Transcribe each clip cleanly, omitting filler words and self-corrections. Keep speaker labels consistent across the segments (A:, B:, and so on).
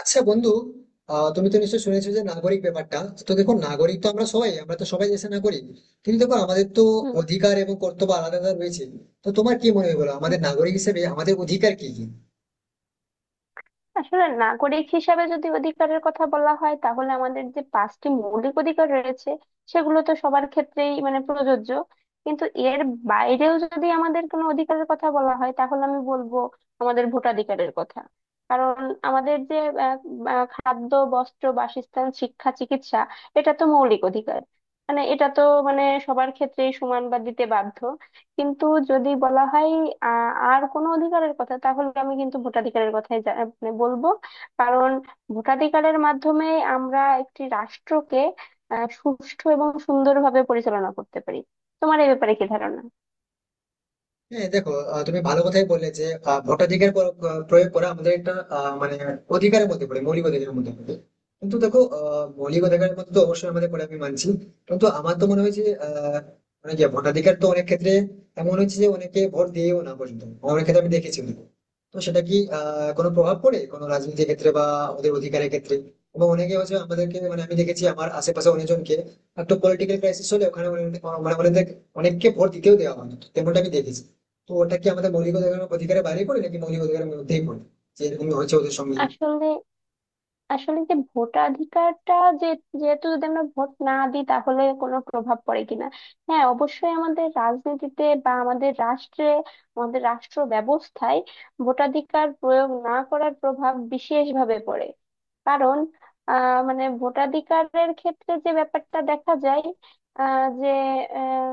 A: আচ্ছা বন্ধু। তুমি তো নিশ্চয়ই শুনেছো যে নাগরিক ব্যাপারটা। তো দেখো, নাগরিক তো আমরা সবাই, আমরা তো সবাই দেশের নাগরিক, কিন্তু দেখো আমাদের তো
B: হুম,
A: অধিকার এবং কর্তব্য আলাদা আলাদা রয়েছে। তো তোমার কি মনে হয় বলো,
B: হুম।
A: আমাদের নাগরিক হিসেবে আমাদের অধিকার কি কি?
B: আসলে নাগরিক হিসাবে যদি অধিকারের কথা বলা হয় তাহলে আমাদের যে পাঁচটি মৌলিক অধিকার রয়েছে সেগুলো তো সবার ক্ষেত্রেই মানে প্রযোজ্য। কিন্তু এর বাইরেও যদি আমাদের কোনো অধিকারের কথা বলা হয় তাহলে আমি বলবো আমাদের ভোটাধিকারের কথা। কারণ আমাদের যে আহ, আহ, খাদ্য বস্ত্র বাসস্থান শিক্ষা চিকিৎসা এটা তো মৌলিক অধিকার। মানে এটা তো মানে সবার ক্ষেত্রেই সমান বা দিতে বাধ্য। কিন্তু যদি বলা হয় আর কোনো অধিকারের কথা, তাহলে আমি কিন্তু ভোটাধিকারের কথাই মানে বলবো। কারণ ভোটাধিকারের মাধ্যমে আমরা একটি রাষ্ট্রকে সুষ্ঠু এবং সুন্দরভাবে পরিচালনা করতে পারি। তোমার এ ব্যাপারে কি ধারণা?
A: হ্যাঁ দেখো, তুমি ভালো কথাই বললে যে ভোটাধিকার প্রয়োগ করা আমাদের একটা মানে অধিকারের মধ্যে পড়ে মৌলিক অধিকারের মধ্যে পড়ে কিন্তু দেখো, মৌলিক অধিকারের মধ্যে তো অবশ্যই আমাদের পড়ে, আমি মানছি। কিন্তু আমার তো মনে হয় যে মানে কি, ভোটাধিকার তো অনেক ক্ষেত্রে এমন হচ্ছে যে অনেকে ভোট দিয়েও না পর্যন্ত, অনেক ক্ষেত্রে আমি দেখেছি কিন্তু। তো সেটা কি কোনো প্রভাব পড়ে কোনো রাজনীতির ক্ষেত্রে বা ওদের অধিকারের ক্ষেত্রে? এবং অনেকে হচ্ছে আমাদেরকে মানে আমি দেখেছি আমার আশেপাশে অনেকজনকে, একটা পলিটিক্যাল ক্রাইসিস হলে ওখানে মানে মানে অনেক- অনেককে ভোট দিতেও দেওয়া হয় না, তেমনটা আমি দেখেছি। তো ওটা কি আমাদের মৌলিক অধিকারের বাইরে পড়ে নাকি মৌলিক অধিকারের মধ্যেই পড়ে, যে এরকম হয়েছে ওদের সঙ্গে?
B: আসলে আসলে যে ভোটাধিকারটা, যে যেহেতু যদি আমরা ভোট না দিই তাহলে কোনো প্রভাব পড়ে কিনা, হ্যাঁ অবশ্যই আমাদের রাজনীতিতে বা আমাদের রাষ্ট্রে, আমাদের রাষ্ট্র ব্যবস্থায় ভোটাধিকার প্রয়োগ না করার প্রভাব বিশেষভাবে পড়ে। কারণ মানে ভোটাধিকারের ক্ষেত্রে যে ব্যাপারটা দেখা যায়, যে আহ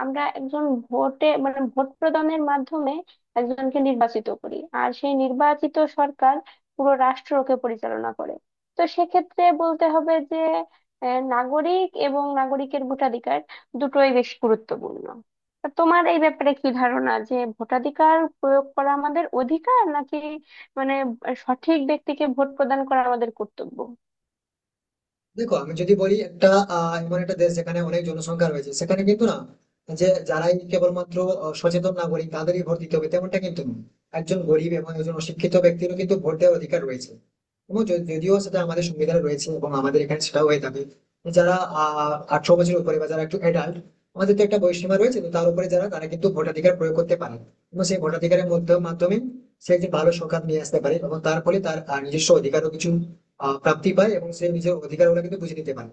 B: আমরা একজন ভোটে মানে ভোট প্রদানের মাধ্যমে একজনকে নির্বাচিত করি, আর সেই নির্বাচিত সরকার পুরো রাষ্ট্রকে পরিচালনা করে। তো সেক্ষেত্রে বলতে হবে যে নাগরিক এবং নাগরিকের ভোটাধিকার দুটোই বেশ গুরুত্বপূর্ণ। তা তোমার এই ব্যাপারে কি ধারণা, যে ভোটাধিকার প্রয়োগ করা আমাদের অধিকার, নাকি মানে সঠিক ব্যক্তিকে ভোট প্রদান করা আমাদের কর্তব্য?
A: দেখো আমি যদি বলি একটা, এমন একটা দেশ যেখানে অনেক জনসংখ্যা রয়েছে সেখানে কিন্তু না, যে যারাই কেবলমাত্র সচেতন নাগরিক তাদেরই ভোট দিতে হবে, তেমনটা কিন্তু নয়। একজন গরিব এবং একজন অশিক্ষিত ব্যক্তিরও কিন্তু ভোট দেওয়ার অধিকার রয়েছে। এবং যদিও সেটা আমাদের সংবিধানে রয়েছে এবং আমাদের এখানে সেটাও হয়ে থাকে। যারা 18 বছরের উপরে বা যারা একটু অ্যাডাল্ট, আমাদের তো একটা বয়সসীমা রয়েছে, তো তার উপরে যারা তারা কিন্তু ভোটাধিকার প্রয়োগ করতে পারে। এবং সেই ভোটাধিকারের মধ্যে মাধ্যমে সে একটি ভালো সরকার নিয়ে আসতে পারে এবং তার ফলে তার নিজস্ব অধিকারও কিছু প্রাপ্তি পায় এবং সে নিজের অধিকার গুলো কিন্তু বুঝে নিতে পারে।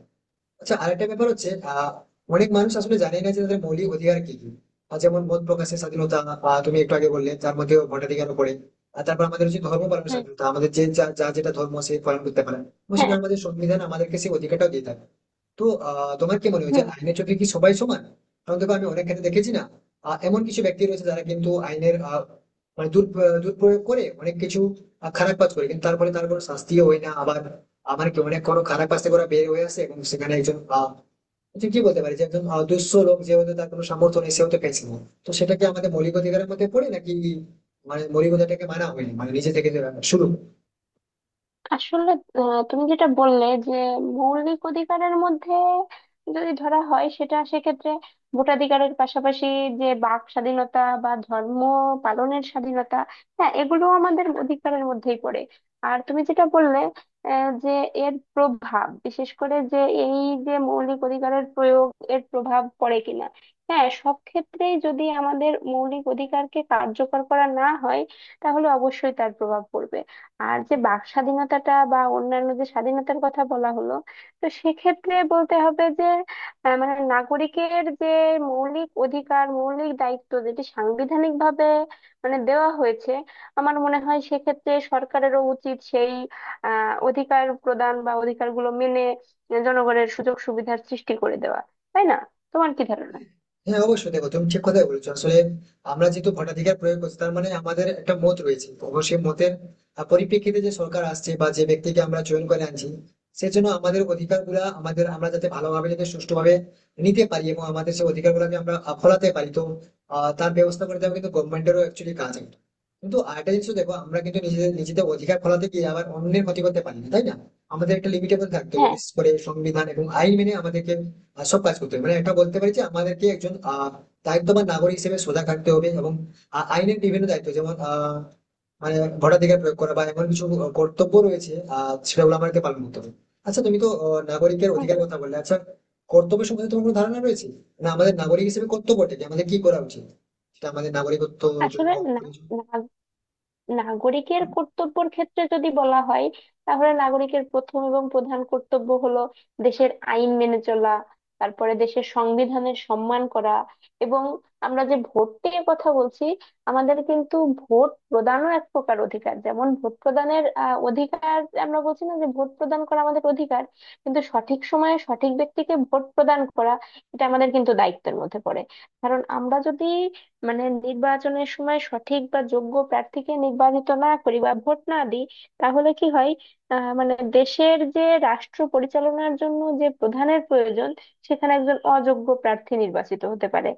A: আচ্ছা, আরেকটা ব্যাপার হচ্ছে অনেক মানুষ আসলে জানে না যে তাদের মৌলিক অধিকার কি কি। যেমন মত প্রকাশের স্বাধীনতা, তুমি একটু আগে বললে তার মধ্যে ভোটাধিকারও পড়ে। আর তারপর আমাদের হচ্ছে ধর্ম পালনের
B: হুম,
A: স্বাধীনতা, আমাদের যে যা যা যেটা ধর্ম সে পালন করতে পারে, এবং সেটা
B: হ্যাঁ,
A: আমাদের সংবিধান আমাদেরকে সেই অধিকারটাও দিয়ে থাকে। তো তোমার কি মনে হয় যে
B: হুম।
A: আইনের চোখে কি সবাই সমান? কারণ দেখো, আমি অনেক ক্ষেত্রে দেখেছি না, এমন কিছু ব্যক্তি রয়েছে যারা কিন্তু আইনের মানে দুর্প্রয়োগ করে অনেক কিছু খারাপ কাজ করে, কিন্তু তারপরে তার কোনো শাস্তিও হয় না আবার, আমার কি অনেক কোনো খারাপ কাজ থেকে ওরা বের হয়ে আসে। এবং সেখানে একজন যে কি বলতে পারি যে একজন দুঃস্থ লোক, যে হয়তো তার কোনো সামর্থ্য নেই, সে হয়তো পেয়েছে না। তো সেটা কি আমাদের মৌলিক অধিকারের মধ্যে পড়ে, নাকি মানে মৌলিক অধিকারটাকে মানা হয়নি মানে নিজে থেকে যে শুরু?
B: আসলে তুমি যেটা বললে যে মৌলিক অধিকারের মধ্যে যদি ধরা হয় সেটা, সেক্ষেত্রে ভোটাধিকারের পাশাপাশি যে বাক স্বাধীনতা বা ধর্ম পালনের স্বাধীনতা, হ্যাঁ এগুলো আমাদের অধিকারের মধ্যেই পড়ে। আর তুমি যেটা বললে যে এর প্রভাব বিশেষ করে যে এই যে মৌলিক অধিকারের প্রয়োগ এর প্রভাব পড়ে কিনা, হ্যাঁ সব ক্ষেত্রেই যদি আমাদের মৌলিক অধিকারকে কার্যকর করা না হয় তাহলে অবশ্যই তার প্রভাব পড়বে। আর যে বাক স্বাধীনতাটা বা অন্যান্য যে স্বাধীনতার কথা বলা হলো, তো সেক্ষেত্রে বলতে হবে যে মানে নাগরিকের যে মৌলিক অধিকার মৌলিক দায়িত্ব যেটি সাংবিধানিক ভাবে মানে দেওয়া হয়েছে, আমার মনে হয় সেক্ষেত্রে সরকারেরও উচিত সেই অধিকার প্রদান বা অধিকারগুলো মেনে জনগণের সুযোগ সুবিধার সৃষ্টি করে দেওয়া। তাই না? তোমার কি ধারণা?
A: হ্যাঁ অবশ্যই দেখো, তুমি ঠিক কথাই বলেছো। আসলে আমরা যেহেতু ভোটাধিকার প্রয়োগ করছি, তার মানে আমাদের একটা মত রয়েছে অবশ্যই, মতের পরিপ্রেক্ষিতে যে সরকার আসছে বা যে ব্যক্তিকে আমরা চয়ন করে আনছি, সেজন্য আমাদের অধিকার গুলা আমাদের আমরা যাতে ভালোভাবে যাতে সুষ্ঠুভাবে নিতে পারি এবং আমাদের সেই অধিকার গুলাকে আমরা ফলাতে পারি, তো তার ব্যবস্থা করে দেওয়া কিন্তু গভর্নমেন্টেরও অ্যাকচুয়ালি কাজ একটা। কিন্তু আরেকটা জিনিস দেখো, আমরা কিন্তু নিজেদের নিজেদের অধিকার ফলাতে গিয়ে আবার অন্যের ক্ষতি করতে পারি না, তাই না? আমাদের একটা লিমিটেবল থাকতে হবে,
B: হ্যাঁ,
A: বিশেষ করে সংবিধান এবং আইন মেনে আমাদেরকে সব কাজ করতে হবে। মানে একটা বলতে পারি যে আমাদেরকে একজন দায়িত্ববান নাগরিক হিসেবে সোজা থাকতে হবে, এবং আইনের বিভিন্ন দায়িত্ব যেমন মানে ভোটাধিকার প্রয়োগ করা বা এমন কিছু কর্তব্য রয়েছে, সেগুলো আমাদেরকে পালন করতে হবে। আচ্ছা, তুমি তো নাগরিকের
B: হ্যাঁ।
A: অধিকার কথা বললে, আচ্ছা কর্তব্য সম্বন্ধে তোমার কোনো ধারণা রয়েছে? না আমাদের নাগরিক হিসেবে কর্তব্যটা কি, আমাদের কি করা উচিত, সেটা আমাদের নাগরিকত্ব জন্য
B: আসলে। না।
A: প্রয়োজন।
B: নাগরিকের কর্তব্যের ক্ষেত্রে যদি বলা হয় তাহলে নাগরিকের প্রথম এবং প্রধান কর্তব্য হলো দেশের আইন মেনে চলা, তারপরে দেশের সংবিধানের সম্মান করা। এবং আমরা যে ভোট নিয়ে কথা বলছি, আমাদের কিন্তু ভোট প্রদানও এক প্রকার অধিকার, যেমন ভোট প্রদানের অধিকার। আমরা বলছি না যে ভোট প্রদান করা আমাদের অধিকার, কিন্তু সঠিক সময়ে সঠিক ব্যক্তিকে ভোট প্রদান করা এটা আমাদের কিন্তু দায়িত্বের মধ্যে পড়ে। কারণ আমরা যদি মানে নির্বাচনের সময় সঠিক বা যোগ্য প্রার্থীকে নির্বাচিত না করি বা ভোট না দিই তাহলে কি হয়? মানে দেশের যে রাষ্ট্র পরিচালনার জন্য যে প্রধানের প্রয়োজন, সেখানে একজন অযোগ্য প্রার্থী নির্বাচিত হতে পারে,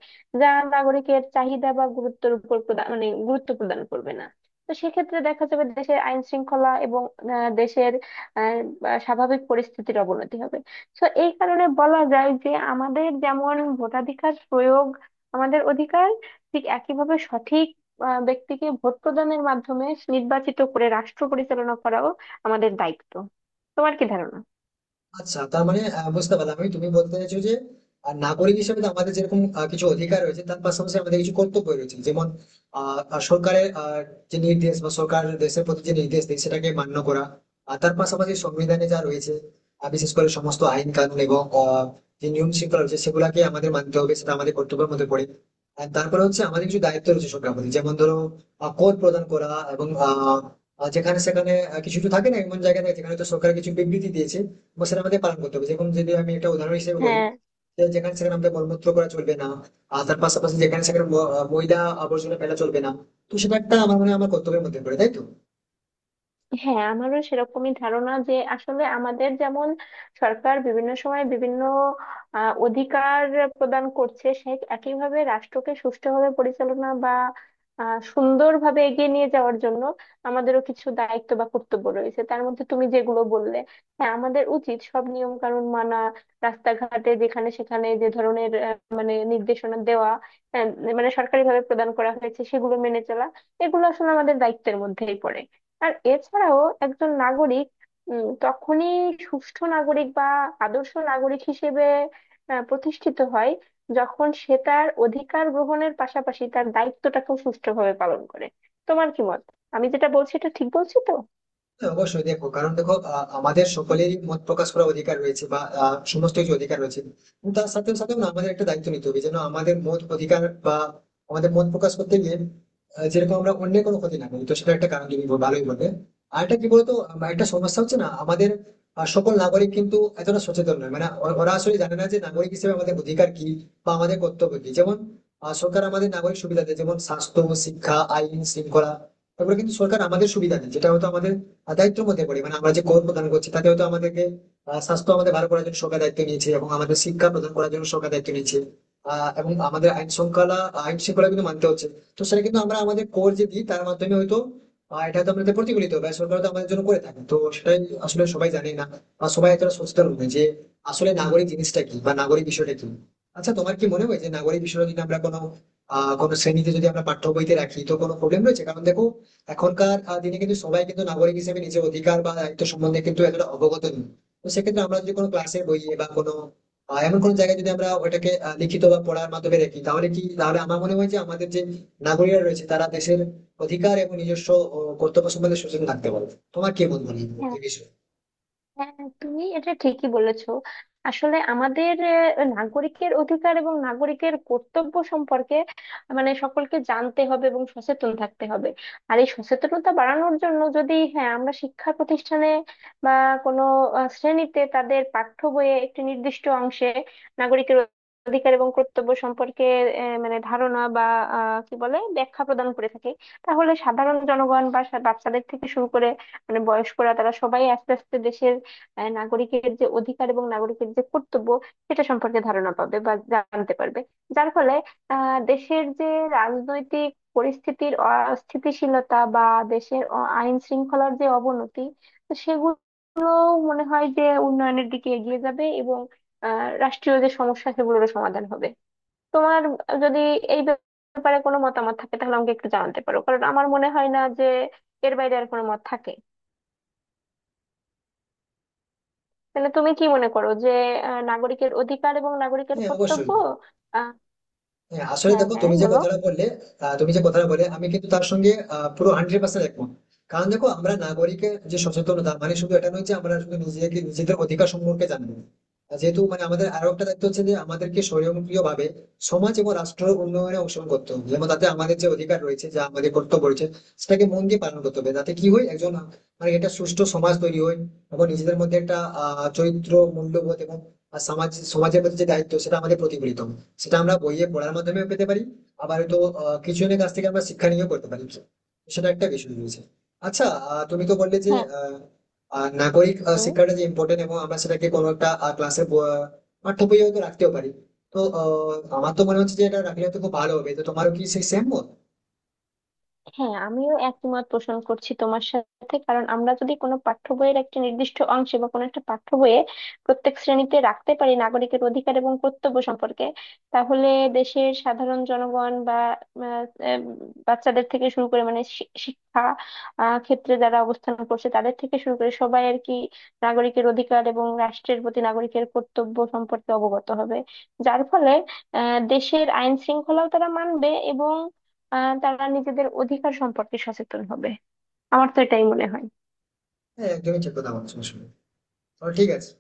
B: যা নাগরিকের চাহিদা বা গুরুত্বের উপর প্রদান মানে গুরুত্ব প্রদান করবে না। তো সেক্ষেত্রে দেখা যাবে দেশের আইন শৃঙ্খলা এবং দেশের আহ, বা স্বাভাবিক পরিস্থিতির অবনতি হবে। তো এই কারণে বলা যায় যে আমাদের যেমন ভোটাধিকার প্রয়োগ আমাদের অধিকার, ঠিক একইভাবে সঠিক ব্যক্তিকে ভোট প্রদানের মাধ্যমে নির্বাচিত করে রাষ্ট্র পরিচালনা করাও আমাদের দায়িত্ব। তোমার কি ধারণা?
A: আচ্ছা, তার মানে বুঝতে পারলাম আমি, তুমি বলতে চাইছো যে নাগরিক হিসেবে তো আমাদের যেরকম কিছু অধিকার রয়েছে, তার পাশাপাশি আমাদের কিছু কর্তব্য রয়েছে যেমন আহ, আহ, সরকারের যে নির্দেশ বা সরকার দেশের প্রতি যে নির্দেশ দেয় সেটাকে মান্য করা। আর তার পাশাপাশি সংবিধানে যা রয়েছে বিশেষ করে সমস্ত আইন কানুন এবং যে নিয়ম শৃঙ্খলা রয়েছে সেগুলাকে আমাদের মানতে হবে, সেটা আমাদের কর্তব্যের মধ্যে পড়ে। আর তারপরে হচ্ছে আমাদের কিছু দায়িত্ব রয়েছে সরকার প্রতি, যেমন ধরো কর প্রদান করা, এবং আহ, আহ, যেখানে সেখানে কিছু কিছু থাকে না এমন জায়গা থাকে, যেখানে তো সরকার কিছু বিবৃতি দিয়েছে এবং সেটা আমাকে পালন করতে হবে। যেরকম যদি আমি একটা উদাহরণ হিসেবে বলি,
B: হ্যাঁ,
A: যে যেখানে সেখানে আমাদের মলমূত্র করা চলবে না, আর তার পাশাপাশি যেখানে সেখানে ময়লা আবর্জনা ফেলা চলবে না। তো সেটা একটা আমার মনে হয় আমার কর্তব্যের মধ্যে পড়ে, তাই তো?
B: হ্যাঁ, আমারও সেরকমই ধারণা যে আসলে আমাদের যেমন সরকার বিভিন্ন সময় বিভিন্ন অধিকার প্রদান করছে, সে একইভাবে রাষ্ট্রকে সুষ্ঠুভাবে পরিচালনা বা সুন্দরভাবে এগিয়ে নিয়ে যাওয়ার জন্য আমাদেরও কিছু দায়িত্ব বা কর্তব্য রয়েছে। তার মধ্যে তুমি যেগুলো বললে, হ্যাঁ আমাদের উচিত সব নিয়ম কানুন মানা, রাস্তাঘাটে যেখানে সেখানে যে ধরনের মানে নির্দেশনা দেওয়া আহ, মানে সরকারিভাবে প্রদান করা হয়েছে সেগুলো মেনে চলা, এগুলো আসলে আমাদের দায়িত্বের মধ্যেই পড়ে। আর এছাড়াও একজন নাগরিক তখনই সুষ্ঠু নাগরিক বা আদর্শ নাগরিক হিসেবে প্রতিষ্ঠিত হয় যখন সে তার অধিকার গ্রহণের পাশাপাশি তার দায়িত্বটাকেও সুষ্ঠুভাবে পালন করে। তোমার কি মত? আমি যেটা বলছি এটা ঠিক বলছি তো?
A: হ্যাঁ, অবশ্যই দেখো, কারণ দেখো আমাদের সকলেরই মত প্রকাশ করার অধিকার রয়েছে বা সমস্ত কিছু অধিকার রয়েছে, কিন্তু তার সাথে সাথে না আমাদের একটা দায়িত্ব নিতে হবে যেন আমাদের মত অধিকার বা আমাদের মত প্রকাশ করতে গিয়ে যেরকম আমরা অন্য কোনো ক্ষতি না করি, তো সেটা একটা কারণ তুমি ভালোই বলবে। আর একটা কি বলতো, একটা সমস্যা হচ্ছে না আমাদের, সকল নাগরিক কিন্তু এতটা সচেতন নয়, মানে ওরা আসলে জানে না যে নাগরিক হিসেবে আমাদের অধিকার কি বা আমাদের কর্তব্য কি। যেমন সরকার আমাদের নাগরিক সুবিধা দেয় যেমন স্বাস্থ্য, শিক্ষা, আইন শৃঙ্খলা। তারপরে কিন্তু সরকার আমাদের সুবিধা দেয় যেটা হয়তো আমাদের দায়িত্বের মধ্যে পড়ি। মানে আমরা যে কর প্রদান করছি তাতে হয়তো আমাদেরকে স্বাস্থ্য আমাদের ভালো করার জন্য সরকার দায়িত্ব নিয়েছে এবং আমাদের শিক্ষা প্রদান করার জন্য সরকার দায়িত্ব নিয়েছে, এবং আমাদের আইন শৃঙ্খলা কিন্তু মানতে হচ্ছে। তো সেটা কিন্তু আমরা আমাদের কর যে দিই তার মাধ্যমে হয়তো এটা তো আমাদের প্রতিফলিত হয়, সরকার তো আমাদের জন্য করে থাকে, তো সেটাই আসলে সবাই জানে না, বা সবাই এতটা সচেতন নয় যে আসলে নাগরিক জিনিসটা কি বা নাগরিক বিষয়টা কি। আচ্ছা, তোমার কি মনে হয় যে নাগরিক বিষয়টা যদি আমরা কোনো কোনো শ্রেণীতে যদি আমরা পাঠ্য বইতে রাখি, তো কোনো প্রবলেম রয়েছে? কারণ দেখো, এখনকার দিনে কিন্তু সবাই কিন্তু নাগরিক হিসেবে নিজের অধিকার বা দায়িত্ব সম্বন্ধে কিন্তু এতটা অবগত নেই। তো সেক্ষেত্রে আমরা যদি কোনো ক্লাসের বইয়ে বা কোনো এমন কোনো জায়গায় যদি আমরা ওটাকে লিখিত বা পড়ার মাধ্যমে রাখি, তাহলে কি তাহলে আমার মনে হয় যে আমাদের যে নাগরিকরা রয়েছে তারা দেশের অধিকার এবং নিজস্ব কর্তব্য সম্বন্ধে সচেতন থাকতে পারবে। তোমার কি মত মনে হয়
B: হ্যাঁ,
A: এই বিষয়ে?
B: হ্যাঁ, তুমি এটা ঠিকই বলেছো। আসলে আমাদের নাগরিকের অধিকার এবং নাগরিকের কর্তব্য সম্পর্কে মানে সকলকে জানতে হবে এবং সচেতন থাকতে হবে। আর এই সচেতনতা বাড়ানোর জন্য যদি হ্যাঁ আমরা শিক্ষা প্রতিষ্ঠানে বা কোনো শ্রেণীতে তাদের পাঠ্য বইয়ে একটি নির্দিষ্ট অংশে নাগরিকের অধিকার এবং কর্তব্য সম্পর্কে মানে ধারণা বা কি বলে ব্যাখ্যা প্রদান করে থাকে, তাহলে সাধারণ জনগণ বা বাচ্চাদের থেকে শুরু করে মানে বয়স্করা, তারা সবাই আস্তে আস্তে নাগরিকের যে অধিকার এবং নাগরিকের যে কর্তব্য সেটা সম্পর্কে ধারণা পাবে বা জানতে পারবে। যার ফলে দেশের যে রাজনৈতিক পরিস্থিতির অস্থিতিশীলতা বা দেশের আইন শৃঙ্খলার যে অবনতি, তো সেগুলো মনে হয় যে উন্নয়নের দিকে এগিয়ে যাবে, এবং রাষ্ট্রীয় যে সমস্যা সেগুলোরও সমাধান হবে। তোমার যদি এই ব্যাপারে কোনো মতামত থাকে তাহলে আমাকে একটু জানাতে পারো, কারণ আমার মনে হয় না যে এর বাইরে আর কোনো মত থাকে। তাহলে তুমি কি মনে করো যে নাগরিকের অধিকার এবং নাগরিকের
A: হ্যাঁ
B: কর্তব্য
A: অবশ্যই।
B: আহ,
A: হ্যাঁ আসলে
B: হ্যাঁ,
A: দেখো,
B: হ্যাঁ,
A: তুমি যে
B: বলো।
A: কথাটা বললে, তুমি যে কথাটা বলে আমি কিন্তু তার সঙ্গে পুরো 100% একমত। কারণ দেখো, আমরা নাগরিকের যে সচেতনতা মানে শুধু এটা নয় যে আমরা শুধু নিজেকে নিজেদের অধিকার সম্পর্কে জানবো, আর যেহেতু মানে আমাদের আরো একটা দায়িত্ব হচ্ছে যে আমাদেরকে স্বয়ংক্রিয় ভাবে সমাজ এবং রাষ্ট্রের উন্নয়নে অংশগ্রহণ করতে হবে, যেমন তাতে আমাদের যে অধিকার রয়েছে যা আমাদের কর্তব্য রয়েছে সেটাকে মন দিয়ে পালন করতে হবে, যাতে কি হয় একজন মানে একটা সুষ্ঠু সমাজ তৈরি হয় এবং নিজেদের মধ্যে একটা চরিত্র, মূল্যবোধ এবং আর সমাজ সমাজের প্রতি যে দায়িত্ব সেটা আমাদের প্রতিফলিত হয়। সেটা আমরা বইয়ে পড়ার মাধ্যমে পেতে পারি, আবার হয়তো কিছুজনের কাছ থেকে আমরা শিক্ষা নিয়েও করতে পারি, সেটা একটা বিষয় রয়েছে। আচ্ছা, তুমি তো বললে যে
B: হ্যাঁ,
A: আহ, আহ, নাগরিক শিক্ষাটা যে ইম্পর্টেন্ট, এবং আমরা সেটাকে কোনো একটা ক্লাসে পাঠ্য বইয়ে হয়তো রাখতেও পারি। তো আমার তো মনে হচ্ছে যে এটা রাখলে হয়তো খুব ভালো হবে, তো তোমারও কি সেই সেম মত?
B: হ্যাঁ, আমিও একমত পোষণ করছি তোমার সাথে। কারণ আমরা যদি কোনো পাঠ্য বইয়ের একটা নির্দিষ্ট অংশে বা কোনো একটা পাঠ্য বইয়ে প্রত্যেক শ্রেণীতে রাখতে পারি নাগরিকের অধিকার এবং কর্তব্য সম্পর্কে, তাহলে দেশের সাধারণ জনগণ বা আহ, আহ, বাচ্চাদের থেকে শুরু করে মানে শিক্ষা ক্ষেত্রে যারা অবস্থান করছে তাদের থেকে শুরু করে সবাই আর কি, নাগরিকের অধিকার এবং রাষ্ট্রের প্রতি নাগরিকের কর্তব্য সম্পর্কে অবগত হবে। যার ফলে দেশের আইন শৃঙ্খলাও তারা মানবে, এবং তারা নিজেদের অধিকার সম্পর্কে সচেতন হবে। আমার তো এটাই মনে হয়।
A: হ্যাঁ একদমই ঠিক কথা বলছো আসলে। তো ঠিক আছে।